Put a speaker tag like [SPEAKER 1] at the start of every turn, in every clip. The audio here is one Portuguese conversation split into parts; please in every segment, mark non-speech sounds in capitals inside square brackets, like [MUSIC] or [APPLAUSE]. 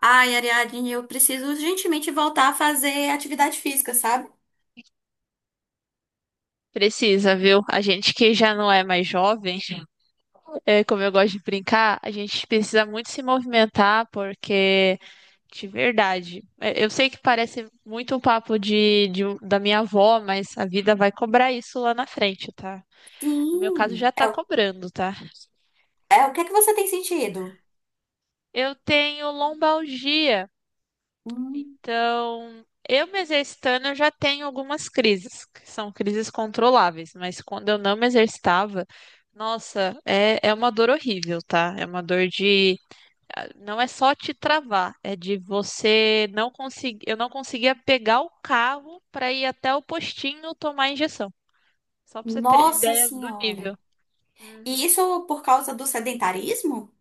[SPEAKER 1] Ai, Ariadne, eu preciso urgentemente voltar a fazer atividade física, sabe?
[SPEAKER 2] Precisa, viu? A gente que já não é mais jovem, [LAUGHS] é, como eu gosto de brincar, a gente precisa muito se movimentar, porque, de verdade, é, eu sei que parece muito um papo de da minha avó, mas a vida vai cobrar isso lá na frente, tá? No meu caso,
[SPEAKER 1] Sim.
[SPEAKER 2] já tá cobrando, tá?
[SPEAKER 1] O que é que você tem sentido?
[SPEAKER 2] Eu tenho lombalgia.
[SPEAKER 1] Hum,
[SPEAKER 2] Então, eu me exercitando, eu já tenho algumas crises, que são crises controláveis, mas quando eu não me exercitava, nossa, é uma dor horrível, tá? É uma dor. Não é só te travar, é de você não conseguir. Eu não conseguia pegar o carro para ir até o postinho tomar a injeção. Só pra você ter
[SPEAKER 1] nossa
[SPEAKER 2] ideia do
[SPEAKER 1] senhora.
[SPEAKER 2] nível. Uhum.
[SPEAKER 1] E isso por causa do sedentarismo?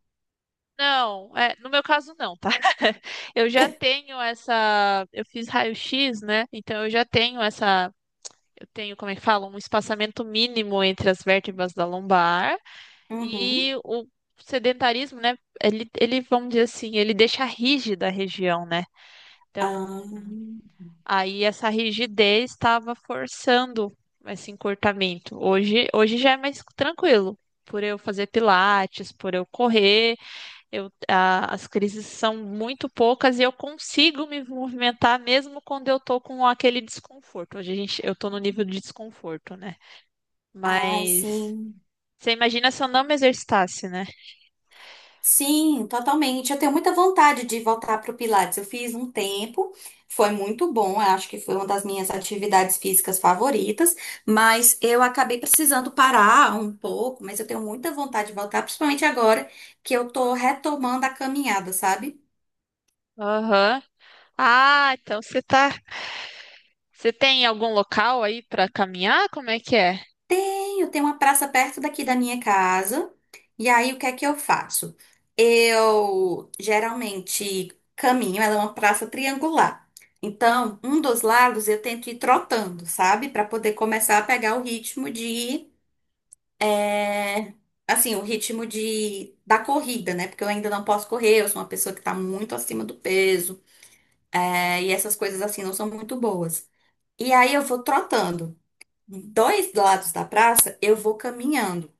[SPEAKER 2] Não, é, no meu caso não, tá? [LAUGHS] Eu já tenho essa. Eu fiz raio-x, né? Então eu já tenho essa tenho, como é que fala, um espaçamento mínimo entre as vértebras da lombar
[SPEAKER 1] Uhum.
[SPEAKER 2] e o sedentarismo, né? Ele, vamos dizer assim, ele deixa rígida a região, né? Então, aí essa rigidez estava forçando esse encurtamento. Hoje já é mais tranquilo. Por eu fazer Pilates, por eu correr, as crises são muito poucas e eu consigo me movimentar mesmo quando eu tô com aquele desconforto. Hoje a gente, eu tô no nível de desconforto, né?
[SPEAKER 1] Ah, ai,
[SPEAKER 2] Mas
[SPEAKER 1] sim.
[SPEAKER 2] você imagina se eu não me exercitasse, né?
[SPEAKER 1] Sim, totalmente. Eu tenho muita vontade de voltar para o Pilates. Eu fiz um tempo, foi muito bom. Eu acho que foi uma das minhas atividades físicas favoritas, mas eu acabei precisando parar um pouco. Mas eu tenho muita vontade de voltar, principalmente agora que eu tô retomando a caminhada, sabe?
[SPEAKER 2] Aham. Ah, então você tá. Você tem algum local aí pra caminhar? Como é que é?
[SPEAKER 1] Tenho, tem uma praça perto daqui da minha casa. E aí, o que é que eu faço? Eu geralmente caminho, ela é uma praça triangular. Então, um dos lados eu tento ir trotando, sabe? Para poder começar a pegar o ritmo de. É, assim, o ritmo de, da corrida, né? Porque eu ainda não posso correr, eu sou uma pessoa que tá muito acima do peso. É, e essas coisas assim não são muito boas. E aí, eu vou trotando. Dois lados da praça, eu vou caminhando.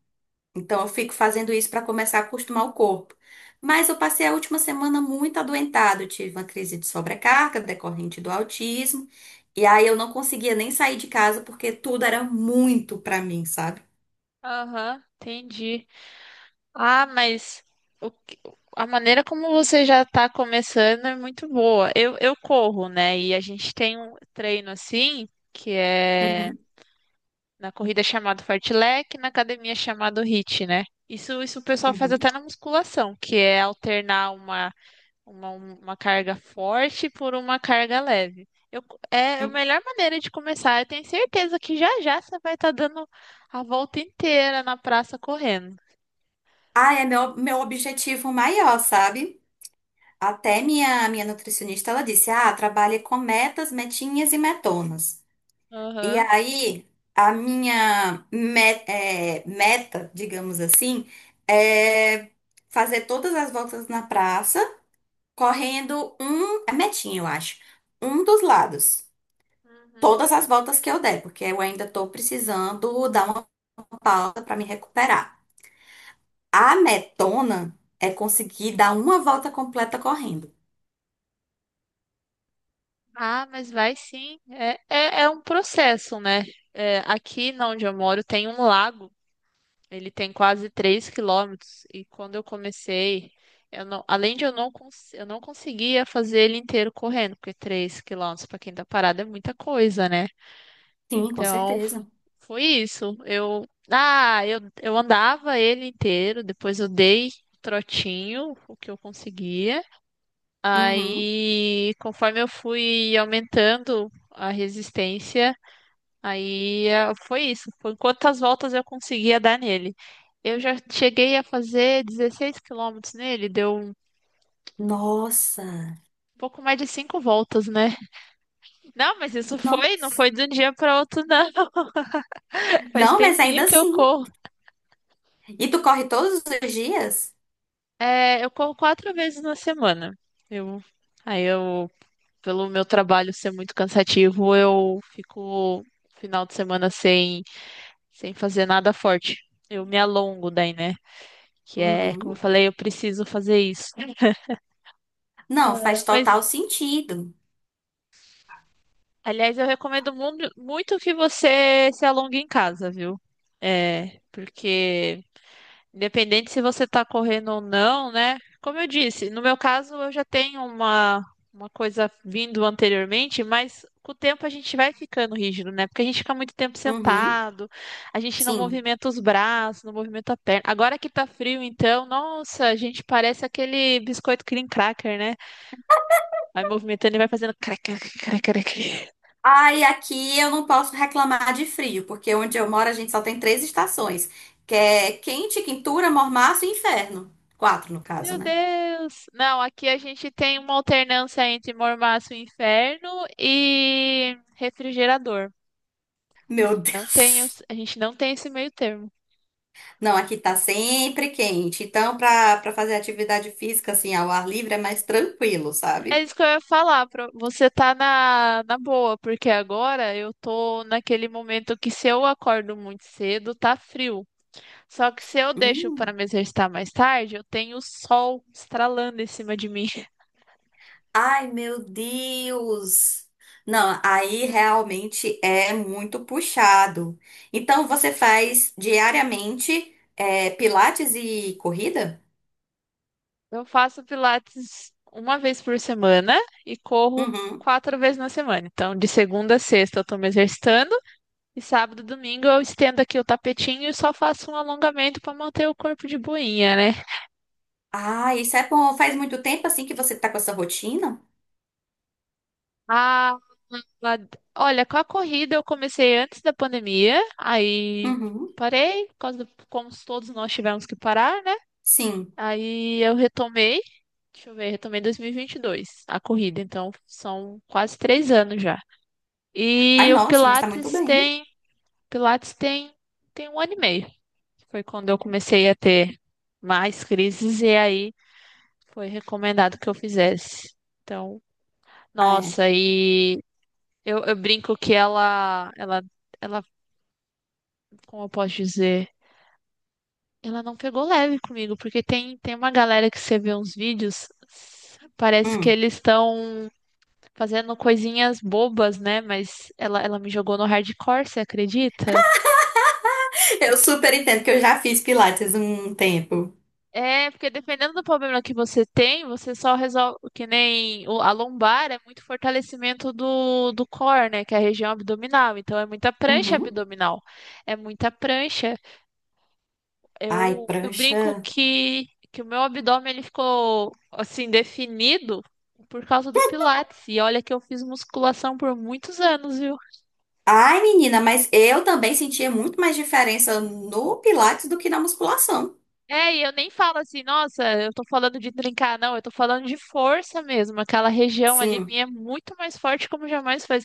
[SPEAKER 1] Então, eu fico fazendo isso para começar a acostumar o corpo. Mas eu passei a última semana muito adoentada. Eu tive uma crise de sobrecarga decorrente do autismo. E aí eu não conseguia nem sair de casa porque tudo era muito para mim, sabe?
[SPEAKER 2] Aham, entendi. Ah, mas o que- a maneira como você já tá começando é muito boa. Eu corro, né? E a gente tem um treino assim, que é
[SPEAKER 1] Uhum,
[SPEAKER 2] na corrida chamado fartlek, na academia chamado HIIT, né? Isso o pessoal faz
[SPEAKER 1] uhum,
[SPEAKER 2] até na musculação, que é alternar uma carga forte por uma carga leve. É a
[SPEAKER 1] uhum.
[SPEAKER 2] melhor maneira de começar. Eu tenho certeza que já já você vai estar dando a volta inteira na praça correndo.
[SPEAKER 1] Ah, é meu objetivo maior, sabe? Até minha nutricionista, ela disse, ah, trabalhe com metas, metinhas e metonas. E
[SPEAKER 2] Aham.
[SPEAKER 1] aí, a meta, digamos assim, é fazer todas as voltas na praça, correndo um, é metinha, eu acho, um dos lados.
[SPEAKER 2] Uhum.
[SPEAKER 1] Todas as voltas que eu der, porque eu ainda tô precisando dar uma pausa para me recuperar. A metona é conseguir dar uma volta completa correndo.
[SPEAKER 2] Ah, mas vai sim. É um processo, né? É, aqui na onde eu moro tem um lago. Ele tem quase 3 quilômetros. E quando eu comecei, eu não, além de eu não, eu não conseguia fazer ele inteiro correndo, porque 3 quilômetros para quem tá parado é muita coisa, né?
[SPEAKER 1] Sim, com
[SPEAKER 2] Então,
[SPEAKER 1] certeza.
[SPEAKER 2] foi isso. Eu andava ele inteiro, depois eu dei trotinho, o que eu conseguia.
[SPEAKER 1] Uhum.
[SPEAKER 2] Aí, conforme eu fui aumentando a resistência, aí foi isso. Foi quantas voltas eu conseguia dar nele. Eu já cheguei a fazer 16 quilômetros nele, deu um
[SPEAKER 1] Nossa,
[SPEAKER 2] pouco mais de cinco voltas, né? Não, mas isso foi, não
[SPEAKER 1] nossa.
[SPEAKER 2] foi de um dia para outro, não. [LAUGHS] Faz
[SPEAKER 1] Não, mas
[SPEAKER 2] tempinho
[SPEAKER 1] ainda
[SPEAKER 2] que eu
[SPEAKER 1] assim.
[SPEAKER 2] corro.
[SPEAKER 1] E tu corre todos os dias?
[SPEAKER 2] É, eu corro quatro vezes na semana. Eu, aí eu, pelo meu trabalho ser muito cansativo, eu fico final de semana sem fazer nada forte. Eu me alongo daí, né? Que é, como eu
[SPEAKER 1] Uhum.
[SPEAKER 2] falei, eu preciso fazer isso.
[SPEAKER 1] Não, faz
[SPEAKER 2] Mas,
[SPEAKER 1] total sentido.
[SPEAKER 2] aliás, eu recomendo muito que você se alongue em casa, viu? É, porque independente se você está correndo ou não, né? Como eu disse, no meu caso eu já tenho uma coisa vindo anteriormente, mas com o tempo a gente vai ficando rígido, né? Porque a gente fica muito tempo
[SPEAKER 1] Uhum.
[SPEAKER 2] sentado, a gente não
[SPEAKER 1] Sim.
[SPEAKER 2] movimenta os braços, não movimenta a perna. Agora que tá frio, então, nossa, a gente parece aquele biscoito cream cracker, né? Vai movimentando e vai fazendo crac, crac, crac, crac.
[SPEAKER 1] Ai, aqui eu não posso reclamar de frio, porque onde eu moro a gente só tem três estações, que é quente, quintura, mormaço e inferno. Quatro, no caso,
[SPEAKER 2] Meu
[SPEAKER 1] né?
[SPEAKER 2] Deus! Não, aqui a gente tem uma alternância entre mormaço e inferno e refrigerador.
[SPEAKER 1] Meu [LAUGHS] Deus.
[SPEAKER 2] A gente não tem esse meio termo.
[SPEAKER 1] Não, aqui tá sempre quente. Então, pra fazer atividade física, assim, ao ar livre é mais tranquilo,
[SPEAKER 2] É
[SPEAKER 1] sabe?
[SPEAKER 2] isso que eu ia falar, você tá na, boa, porque agora eu tô naquele momento que se eu acordo muito cedo, tá frio. Só que se eu deixo para
[SPEAKER 1] Hum.
[SPEAKER 2] me exercitar mais tarde, eu tenho o sol estralando em cima de mim. [LAUGHS]
[SPEAKER 1] Ai, meu Deus! Não, aí realmente é muito puxado. Então você faz diariamente é, pilates e corrida?
[SPEAKER 2] Eu faço Pilates uma vez por semana e corro
[SPEAKER 1] Uhum.
[SPEAKER 2] quatro vezes na semana. Então, de segunda a sexta eu tô me exercitando e sábado e domingo eu estendo aqui o tapetinho e só faço um alongamento para manter o corpo de boinha, né?
[SPEAKER 1] Ah, isso é bom. Faz muito tempo assim que você tá com essa rotina?
[SPEAKER 2] Ah, mas- olha, com a corrida eu comecei antes da pandemia, aí
[SPEAKER 1] Uhum.
[SPEAKER 2] parei, por causa do, como todos nós tivemos que parar, né?
[SPEAKER 1] Sim.
[SPEAKER 2] Aí eu retomei, deixa eu ver, retomei em 2022 a corrida, então são quase 3 anos já.
[SPEAKER 1] Ai,
[SPEAKER 2] E o
[SPEAKER 1] nossa, mas tá muito
[SPEAKER 2] Pilates
[SPEAKER 1] bem.
[SPEAKER 2] tem, Pilates tem, tem um ano e meio. Foi quando eu comecei a ter mais crises e aí foi recomendado que eu fizesse. Então,
[SPEAKER 1] Ah, é.
[SPEAKER 2] nossa, e eu brinco que ela, como eu posso dizer, ela não pegou leve comigo, porque tem uma galera que você vê uns vídeos, parece que
[SPEAKER 1] Hum.
[SPEAKER 2] eles estão fazendo coisinhas bobas, né? Mas ela me jogou no hardcore, você acredita?
[SPEAKER 1] [LAUGHS] Eu super entendo que eu já fiz pilates um tempo.
[SPEAKER 2] É, porque dependendo do problema que você tem, você só resolve, que nem a lombar é muito fortalecimento do core, né? Que é a região abdominal. Então é muita prancha
[SPEAKER 1] Uhum.
[SPEAKER 2] abdominal. É muita prancha.
[SPEAKER 1] Ai,
[SPEAKER 2] Eu
[SPEAKER 1] prancha.
[SPEAKER 2] brinco que o meu abdômen ele ficou assim definido por causa do Pilates. E olha que eu fiz musculação por muitos anos, viu?
[SPEAKER 1] Ai, menina, mas eu também sentia muito mais diferença no Pilates do que na musculação.
[SPEAKER 2] É, e eu nem falo assim, nossa, eu tô falando de trincar, não, eu tô falando de força mesmo. Aquela região ali
[SPEAKER 1] Sim,
[SPEAKER 2] minha é muito mais forte como jamais faz.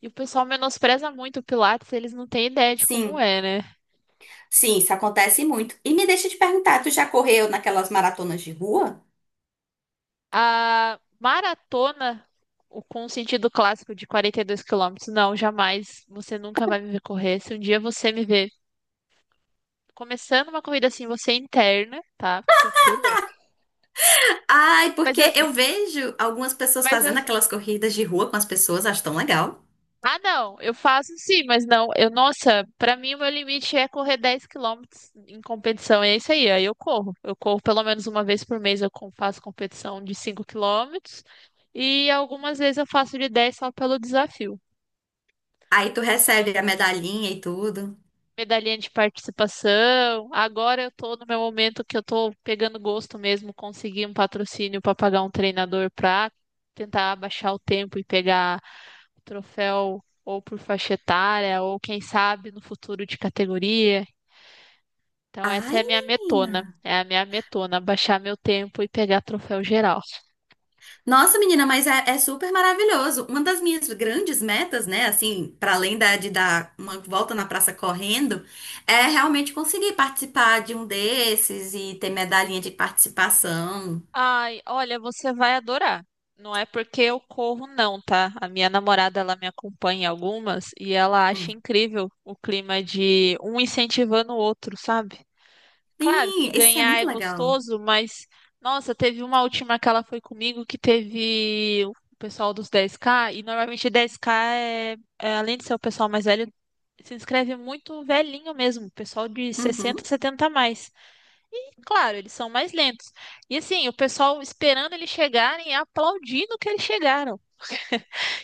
[SPEAKER 2] E o pessoal menospreza muito o Pilates, eles não têm ideia de como
[SPEAKER 1] sim,
[SPEAKER 2] é, né?
[SPEAKER 1] sim, isso acontece muito. E me deixa te perguntar, tu já correu naquelas maratonas de rua?
[SPEAKER 2] A maratona com o sentido clássico de 42 quilômetros, não, jamais. Você nunca vai me ver correr. Se um dia você me ver começando uma corrida assim, você é interna, tá? Porque eu fiquei louca.
[SPEAKER 1] Ai,
[SPEAKER 2] Mas eu,
[SPEAKER 1] porque eu vejo algumas pessoas
[SPEAKER 2] mas eu,
[SPEAKER 1] fazendo aquelas corridas de rua com as pessoas, acho tão legal.
[SPEAKER 2] ah, não, eu faço sim, mas não, eu, nossa, pra mim o meu limite é correr 10 quilômetros em competição, é isso aí, aí eu corro. Eu corro pelo menos uma vez por mês, eu faço competição de 5 quilômetros e algumas vezes eu faço de 10 só pelo desafio.
[SPEAKER 1] Aí tu
[SPEAKER 2] Sim.
[SPEAKER 1] recebe a medalhinha e tudo.
[SPEAKER 2] Medalhinha de participação. Agora eu tô no meu momento que eu tô pegando gosto mesmo, conseguir um patrocínio para pagar um treinador para tentar abaixar o tempo e pegar o troféu ou por faixa etária, ou quem sabe no futuro de categoria. Então essa é
[SPEAKER 1] Ai,
[SPEAKER 2] a minha
[SPEAKER 1] menina.
[SPEAKER 2] metona, é a minha metona, baixar meu tempo e pegar troféu geral.
[SPEAKER 1] Nossa, menina, mas é super maravilhoso. Uma das minhas grandes metas, né, assim, para além de dar uma volta na praça correndo, é realmente conseguir participar de um desses e ter medalhinha de participação.
[SPEAKER 2] Ai, olha, você vai adorar. Não é porque eu corro, não, tá? A minha namorada, ela me acompanha em algumas e ela acha
[SPEAKER 1] Hum.
[SPEAKER 2] incrível o clima de um incentivando o outro, sabe? Claro que
[SPEAKER 1] Sim, isso é
[SPEAKER 2] ganhar é
[SPEAKER 1] muito legal.
[SPEAKER 2] gostoso, mas nossa, teve uma última que ela foi comigo que teve o pessoal dos 10K e normalmente 10K é, além de ser o pessoal mais velho, se inscreve muito velhinho mesmo, pessoal de 60,
[SPEAKER 1] Uhum.
[SPEAKER 2] 70 a mais. Claro, eles são mais lentos. E assim, o pessoal esperando eles chegarem e aplaudindo que eles chegaram.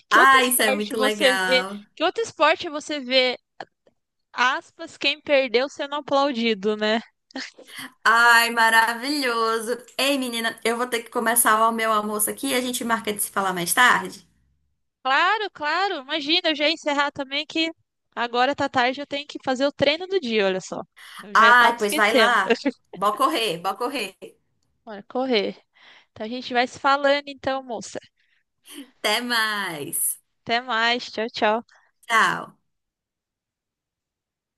[SPEAKER 2] Que outro
[SPEAKER 1] Ah, isso é
[SPEAKER 2] esporte
[SPEAKER 1] muito
[SPEAKER 2] você vê?
[SPEAKER 1] legal.
[SPEAKER 2] Que outro esporte você vê, aspas, quem perdeu sendo aplaudido, né?
[SPEAKER 1] Ai, maravilhoso. Ei, menina, eu vou ter que começar o meu almoço aqui. A gente marca de se falar mais tarde.
[SPEAKER 2] Claro, claro. Imagina, eu já ia encerrar também que agora tá tarde, eu tenho que fazer o treino do dia, olha só. Eu já tava
[SPEAKER 1] Ai, pois vai
[SPEAKER 2] esquecendo.
[SPEAKER 1] lá.
[SPEAKER 2] [LAUGHS]
[SPEAKER 1] Bora correr, bora correr.
[SPEAKER 2] Bora correr. Então a gente vai se falando então, moça.
[SPEAKER 1] Até mais.
[SPEAKER 2] Até mais. Tchau, tchau.
[SPEAKER 1] Tchau.